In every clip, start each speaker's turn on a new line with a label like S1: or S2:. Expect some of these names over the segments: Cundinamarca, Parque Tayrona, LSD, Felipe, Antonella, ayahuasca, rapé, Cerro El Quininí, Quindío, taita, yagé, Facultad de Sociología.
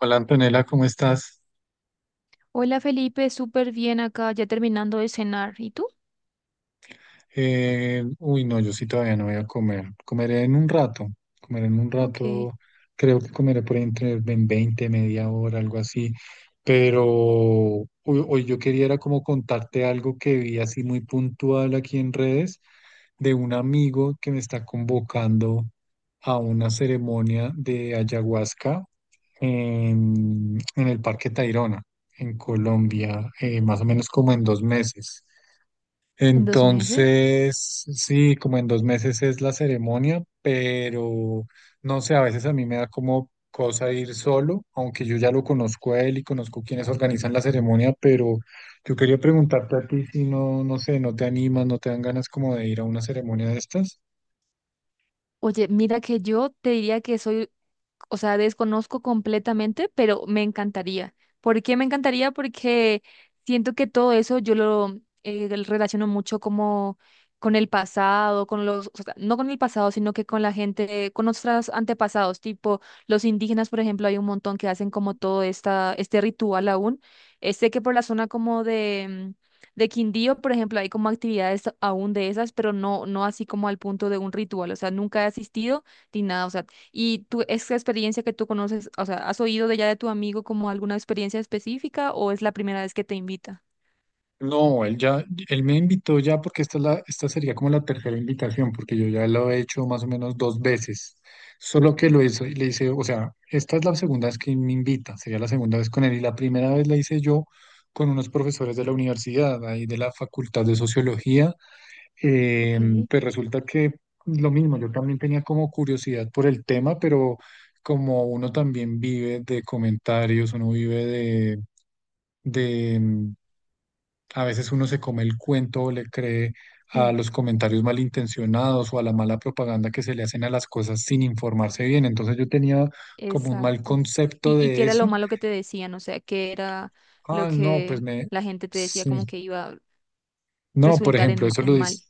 S1: Hola Antonella, ¿cómo estás?
S2: Hola Felipe, súper bien acá, ya terminando de cenar. ¿Y tú?
S1: No, yo sí todavía no voy a comer. Comeré en un rato, comeré en un
S2: Ok, en
S1: rato, creo que comeré por ahí entre en 20 media hora, algo así. Pero hoy yo quería era como contarte algo que vi así muy puntual aquí en redes de un amigo que me está convocando a una ceremonia de ayahuasca en el Parque Tayrona, en Colombia, más o menos como en dos meses.
S2: dos meses.
S1: Entonces, sí, como en dos meses es la ceremonia, pero no sé, a veces a mí me da como cosa ir solo, aunque yo ya lo conozco a él y conozco quienes organizan la ceremonia, pero yo quería preguntarte a ti si no sé, no te animas, no te dan ganas como de ir a una ceremonia de estas.
S2: Oye, mira que yo te diría que soy, o sea, desconozco completamente, pero me encantaría. ¿Por qué me encantaría? Porque siento que todo eso yo lo relaciono mucho como con el pasado, con o sea, no con el pasado, sino que con la gente, con nuestros antepasados, tipo los indígenas, por ejemplo, hay un montón que hacen como todo este ritual aún. Sé que por la zona como de Quindío, por ejemplo, hay como actividades aún de esas, pero no, no así como al punto de un ritual, o sea, nunca he asistido ni nada, o sea, y tú, esa experiencia que tú conoces, o sea, ¿has oído de ya de tu amigo como alguna experiencia específica o es la primera vez que te invita?
S1: No, él ya, él me invitó ya porque esta es la, esta sería como la tercera invitación, porque yo ya lo he hecho más o menos dos veces. Solo que lo hice, le hice, o sea, esta es la segunda vez que me invita, sería la segunda vez con él, y la primera vez la hice yo con unos profesores de la universidad, ahí de la Facultad de Sociología. Eh,
S2: Ok,
S1: pues resulta que lo mismo, yo también tenía como curiosidad por el tema, pero como uno también vive de comentarios, uno vive de, a veces uno se come el cuento o le cree a
S2: sí.
S1: los comentarios malintencionados o a la mala propaganda que se le hacen a las cosas sin informarse bien. Entonces yo tenía como un mal
S2: Exacto.
S1: concepto
S2: Y qué
S1: de
S2: era lo
S1: eso.
S2: malo que te decían, o sea, qué era lo
S1: Ah, no, pues
S2: que
S1: me...
S2: la gente te decía
S1: sí.
S2: como que iba a
S1: No, por
S2: resultar
S1: ejemplo, eso lo
S2: en
S1: dice.
S2: mal.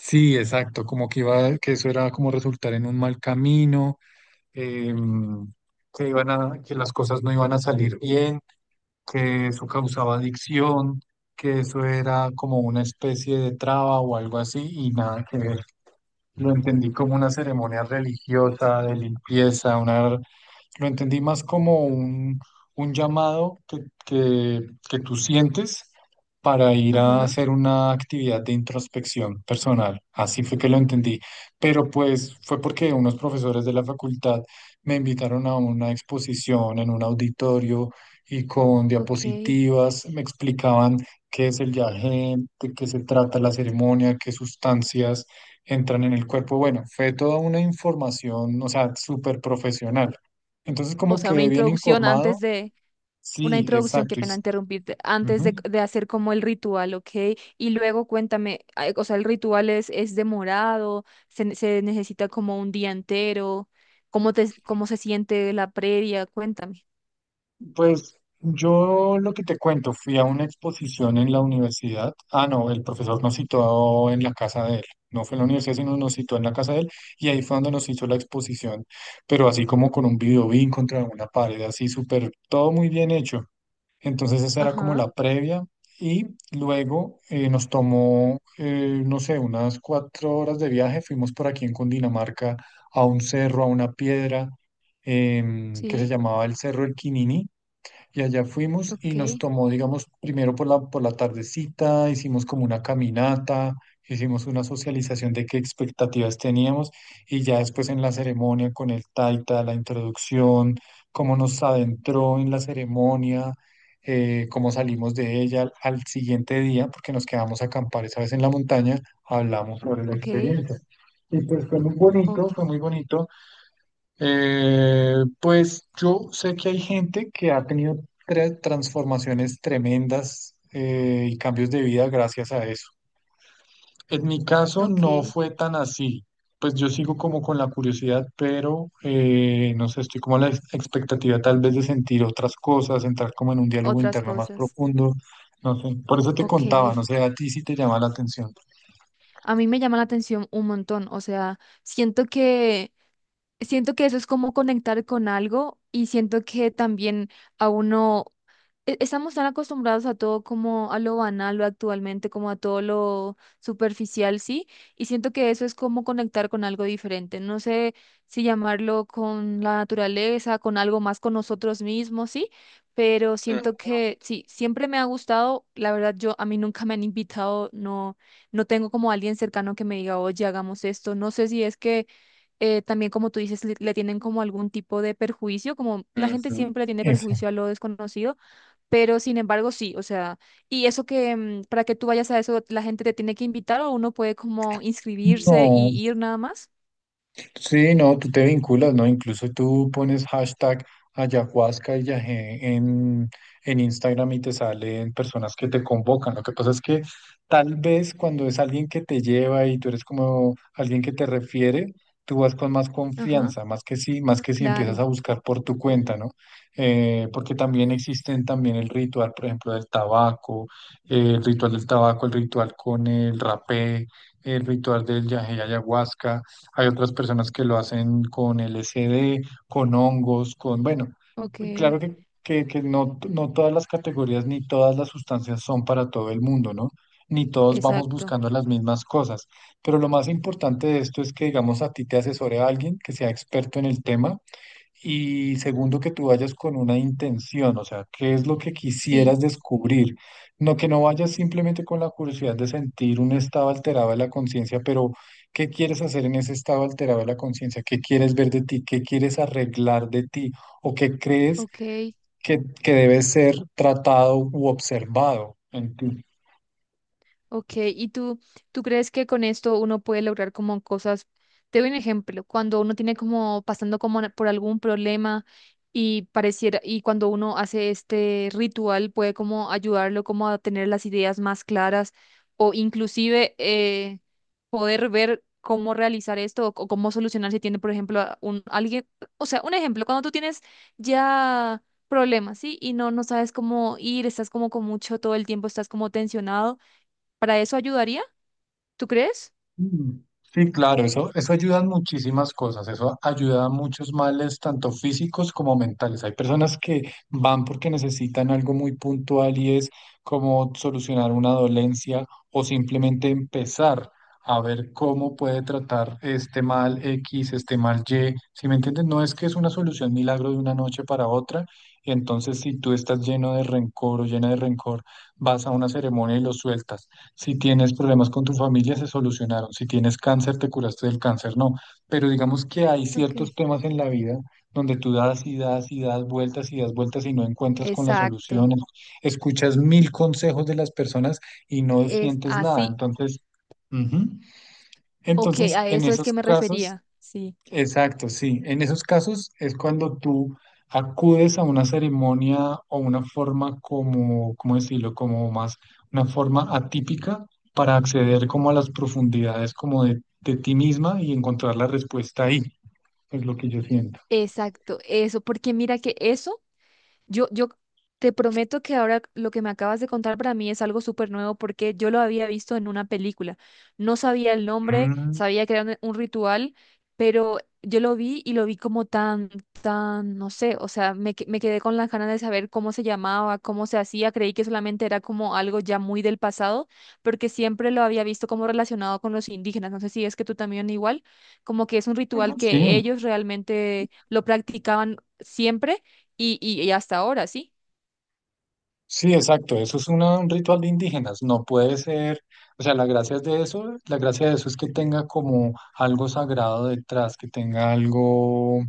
S1: Sí, exacto, como que iba, que eso era como resultar en un mal camino, em, que iban a, que las cosas no iban a salir bien, que eso causaba adicción, que eso era como una especie de traba o algo así y nada que ver. Lo entendí como una ceremonia religiosa de limpieza, una, lo entendí más como un llamado que, que tú sientes para ir a
S2: Ajá,
S1: hacer una actividad de introspección personal. Así fue que lo entendí. Pero pues fue porque unos profesores de la facultad me invitaron a una exposición en un auditorio y con
S2: ok.
S1: diapositivas me explicaban qué es el yagé, de qué se trata la ceremonia, qué sustancias entran en el cuerpo. Bueno, fue toda una información, o sea, súper profesional. Entonces,
S2: O
S1: como
S2: sea, una
S1: que bien
S2: introducción
S1: informado.
S2: antes de... Una
S1: Sí,
S2: introducción, qué
S1: exacto. Y
S2: pena
S1: s-
S2: interrumpirte, antes
S1: ujú.
S2: de, de hacer como el ritual, ¿ok? Y luego cuéntame, ay, o sea, el ritual es demorado, se necesita como un día entero, ¿cómo cómo se siente la previa? Cuéntame.
S1: Pues yo lo que te cuento, fui a una exposición en la universidad. Ah, no, el profesor nos citó en la casa de él. No fue en la universidad, sino nos citó en la casa de él. Y ahí fue donde nos hizo la exposición. Pero así como con un videobeam contra una pared, así súper, todo muy bien hecho. Entonces esa era como
S2: Ajá,
S1: la previa y luego nos tomó, no sé, unas 4 horas de viaje. Fuimos por aquí en Cundinamarca a un cerro, a una piedra que se
S2: sí,
S1: llamaba el Cerro El Quininí y allá fuimos y
S2: ok,
S1: nos tomó, digamos, primero por por la tardecita, hicimos como una caminata, hicimos una socialización de qué expectativas teníamos y ya después en la ceremonia con el taita, la introducción, cómo nos adentró en la ceremonia, cómo salimos de ella al siguiente día, porque nos quedamos a acampar esa vez en la montaña, hablamos sobre la
S2: ok,
S1: experiencia. Y pues fue muy
S2: ok,
S1: bonito, fue muy bonito. Eh, pues yo sé que hay gente que ha tenido transformaciones tremendas y cambios de vida gracias a eso. En mi caso no
S2: ok,
S1: fue tan así. Pues yo sigo como con la curiosidad, pero no sé, estoy como a la expectativa tal vez de sentir otras cosas, entrar como en un diálogo
S2: otras
S1: interno más
S2: cosas,
S1: profundo. No sé, por eso te
S2: ok.
S1: contaba, no sé, a ti sí te llama la atención.
S2: A mí me llama la atención un montón, o sea, siento que eso es como conectar con algo y siento que también a uno estamos tan acostumbrados a todo como a lo banal, lo actualmente, como a todo lo superficial, sí, y siento que eso es como conectar con algo diferente. No sé si llamarlo con la naturaleza, con algo más con nosotros mismos, sí, pero siento que sí, siempre me ha gustado. La verdad, yo a mí nunca me han invitado, no, no tengo como alguien cercano que me diga, oye, hagamos esto. No sé si es que también, como tú dices, le tienen como algún tipo de perjuicio, como la
S1: Mm,
S2: gente
S1: ujú.
S2: siempre tiene
S1: Ese.
S2: perjuicio a lo desconocido. Pero sin embargo, sí, o sea, y eso que para que tú vayas a eso, la gente te tiene que invitar o uno puede como inscribirse
S1: No.
S2: y ir nada más.
S1: Sí, no, tú te vinculas, ¿no? Incluso tú pones hashtag ayahuasca y yagé en Instagram y te salen personas que te convocan. Lo que pasa es que tal vez cuando es alguien que te lleva y tú eres como alguien que te refiere, tú vas con más
S2: Ajá,
S1: confianza, más que sí, más que si empiezas a
S2: claro,
S1: buscar por tu cuenta, ¿no? Porque también existen también el ritual, por ejemplo, del tabaco, el ritual del tabaco, el ritual con el rapé, el ritual del yagé y ayahuasca. Hay otras personas que lo hacen con LSD, con hongos, con, bueno,
S2: ok,
S1: claro que no, no todas las categorías ni todas las sustancias son para todo el mundo, ¿no? Ni todos vamos
S2: exacto,
S1: buscando las mismas cosas. Pero lo más importante de esto es que, digamos, a ti te asesore a alguien que sea experto en el tema y segundo, que tú vayas con una intención, o sea, qué es lo que quisieras
S2: sí,
S1: descubrir. No que no vayas simplemente con la curiosidad de sentir un estado alterado de la conciencia, pero ¿qué quieres hacer en ese estado alterado de la conciencia? ¿Qué quieres ver de ti? ¿Qué quieres arreglar de ti? ¿O qué crees
S2: ok.
S1: que debe ser tratado u observado en ti?
S2: Ok, ¿tú crees que con esto uno puede lograr como cosas? Te doy un ejemplo, cuando uno tiene como pasando por algún problema y pareciera, y cuando uno hace este ritual puede como ayudarlo como a tener las ideas más claras o inclusive poder ver cómo realizar esto cómo solucionar si tiene, por ejemplo, a un alguien, o sea, un ejemplo, cuando tú tienes ya problemas, ¿sí? Y no, no sabes cómo ir, estás como con mucho todo el tiempo, estás como tensionado. ¿Para eso ayudaría? ¿Tú crees?
S1: Mm, sí, claro, eso ayuda en muchísimas cosas, eso ayuda a muchos males, tanto físicos como mentales. Hay personas que van porque necesitan algo muy puntual y es como solucionar una dolencia o simplemente empezar a ver cómo puede tratar este mal X, este mal Y. Si me entienden, no es que es una solución milagro de una noche para otra. Entonces, si tú estás lleno de rencor o llena de rencor, vas a una ceremonia y lo sueltas. Si tienes problemas con tu familia, se solucionaron. Si tienes cáncer, te curaste del cáncer, no. Pero digamos que hay
S2: Ok.
S1: ciertos temas en la vida donde tú das y das y das vueltas y das vueltas y no encuentras con las
S2: Exacto,
S1: soluciones. Escuchas mil consejos de las personas y no
S2: es
S1: sientes nada.
S2: así.
S1: Entonces, ujú.
S2: Ok,
S1: Entonces,
S2: a
S1: en
S2: eso es
S1: esos
S2: que me
S1: casos,
S2: refería. Sí,
S1: exacto, sí. En esos casos es cuando tú acudes a una ceremonia o una forma como, ¿cómo decirlo? Como más, una forma atípica para acceder como a las profundidades como de ti misma y encontrar la respuesta ahí, es lo que yo siento.
S2: exacto, eso, porque mira que eso. Yo te prometo que ahora lo que me acabas de contar para mí es algo súper nuevo porque yo lo había visto en una película. No sabía el nombre,
S1: Mm,
S2: sabía que era un ritual, pero yo lo vi y lo vi como tan, tan, no sé, o sea, me quedé con las ganas de saber cómo se llamaba, cómo se hacía. Creí que solamente era como algo ya muy del pasado, porque siempre lo había visto como relacionado con los indígenas. No sé si es que tú también igual, como que es un ritual que
S1: sí,
S2: ellos realmente lo practicaban siempre y hasta ahora, sí.
S1: sí, exacto. Eso es un ritual de indígenas. No puede ser, o sea, la gracia es de eso, la gracia de eso es que tenga como algo sagrado detrás, que tenga algo,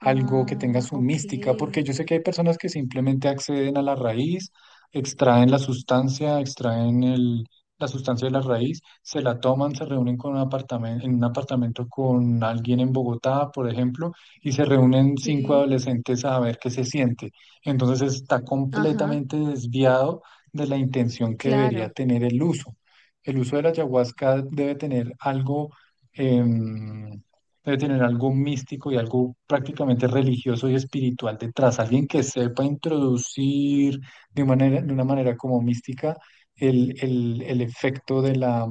S1: algo que tenga
S2: Ah,
S1: su mística, porque
S2: ok.
S1: yo sé que hay personas que simplemente acceden a la raíz, extraen la sustancia, extraen la sustancia de la raíz, se la toman, se reúnen con un apartamento, en un apartamento con alguien en Bogotá, por ejemplo, y se reúnen cinco
S2: Sí.
S1: adolescentes a ver qué se siente. Entonces está
S2: Ajá,
S1: completamente desviado de la intención que debería
S2: claro,
S1: tener el uso. El uso de la ayahuasca debe tener algo, em, debe tener algo místico y algo prácticamente religioso y espiritual detrás. Alguien que sepa introducir de manera, de una manera como mística el efecto de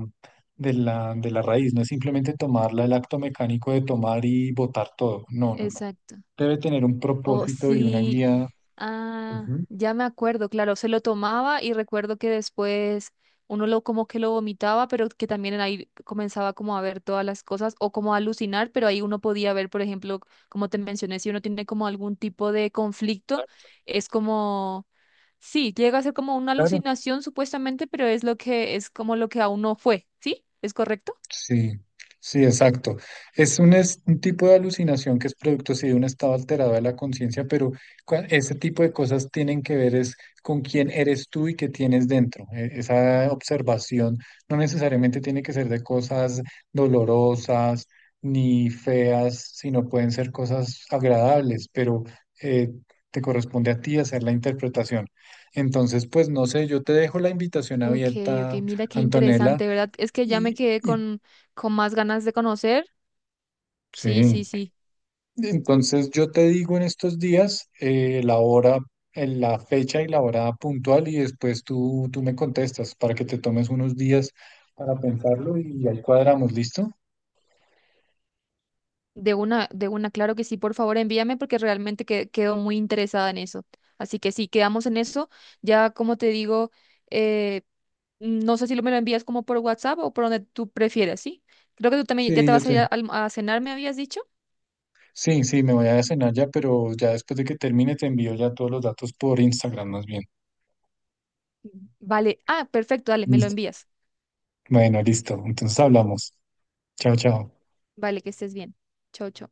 S1: de la raíz. No es simplemente tomarla, el acto mecánico de tomar y botar todo. No, no, no.
S2: exacto.
S1: Debe tener un
S2: Oh,
S1: propósito y una
S2: sí,
S1: guía.
S2: ah,
S1: Ujú.
S2: ya me acuerdo, claro, se lo tomaba y recuerdo que después uno lo como que lo vomitaba, pero que también ahí comenzaba como a ver todas las cosas o como a alucinar, pero ahí uno podía ver, por ejemplo, como te mencioné, si uno tiene como algún tipo de conflicto, es como, sí, llega a ser como una
S1: Claro,
S2: alucinación supuestamente, pero es lo que es como lo que a uno fue, ¿sí? ¿Es correcto?
S1: sí, sí, exacto. Es un tipo de alucinación que es producto, sí, de un estado alterado de la conciencia, pero ese tipo de cosas tienen que ver es con quién eres tú y qué tienes dentro. E- Esa observación no necesariamente tiene que ser de cosas dolorosas ni feas, sino pueden ser cosas agradables, pero eh, te corresponde a ti hacer la interpretación. Entonces, pues no sé, yo te dejo la invitación
S2: Ok, ok,
S1: abierta.
S2: mira qué
S1: Antonella,
S2: interesante, ¿verdad? Es que ya me
S1: Y,
S2: quedé
S1: y
S2: con más ganas de conocer. Sí, sí,
S1: sí,
S2: sí.
S1: entonces yo te digo en estos días la hora, en la fecha y la hora puntual y después tú me contestas para que te tomes unos días para pensarlo y ahí cuadramos, ¿listo?
S2: De una, claro que sí, por favor, envíame porque realmente quedo muy interesada en eso. Así que sí, quedamos en eso. Ya como te digo, eh, no sé si lo me lo envías como por WhatsApp o por donde tú prefieras, ¿sí? Creo que tú también ya
S1: Sí,
S2: te
S1: yo
S2: vas a ir
S1: te...
S2: a cenar, me habías dicho.
S1: Sí, sí, me voy a cenar ya, pero ya después de que termine te envío ya todos los datos por Instagram más bien.
S2: Vale, ah, perfecto, dale, me lo
S1: Listo.
S2: envías.
S1: Bueno, listo. Entonces hablamos. Chao, chao.
S2: Vale, que estés bien. Chau, chau.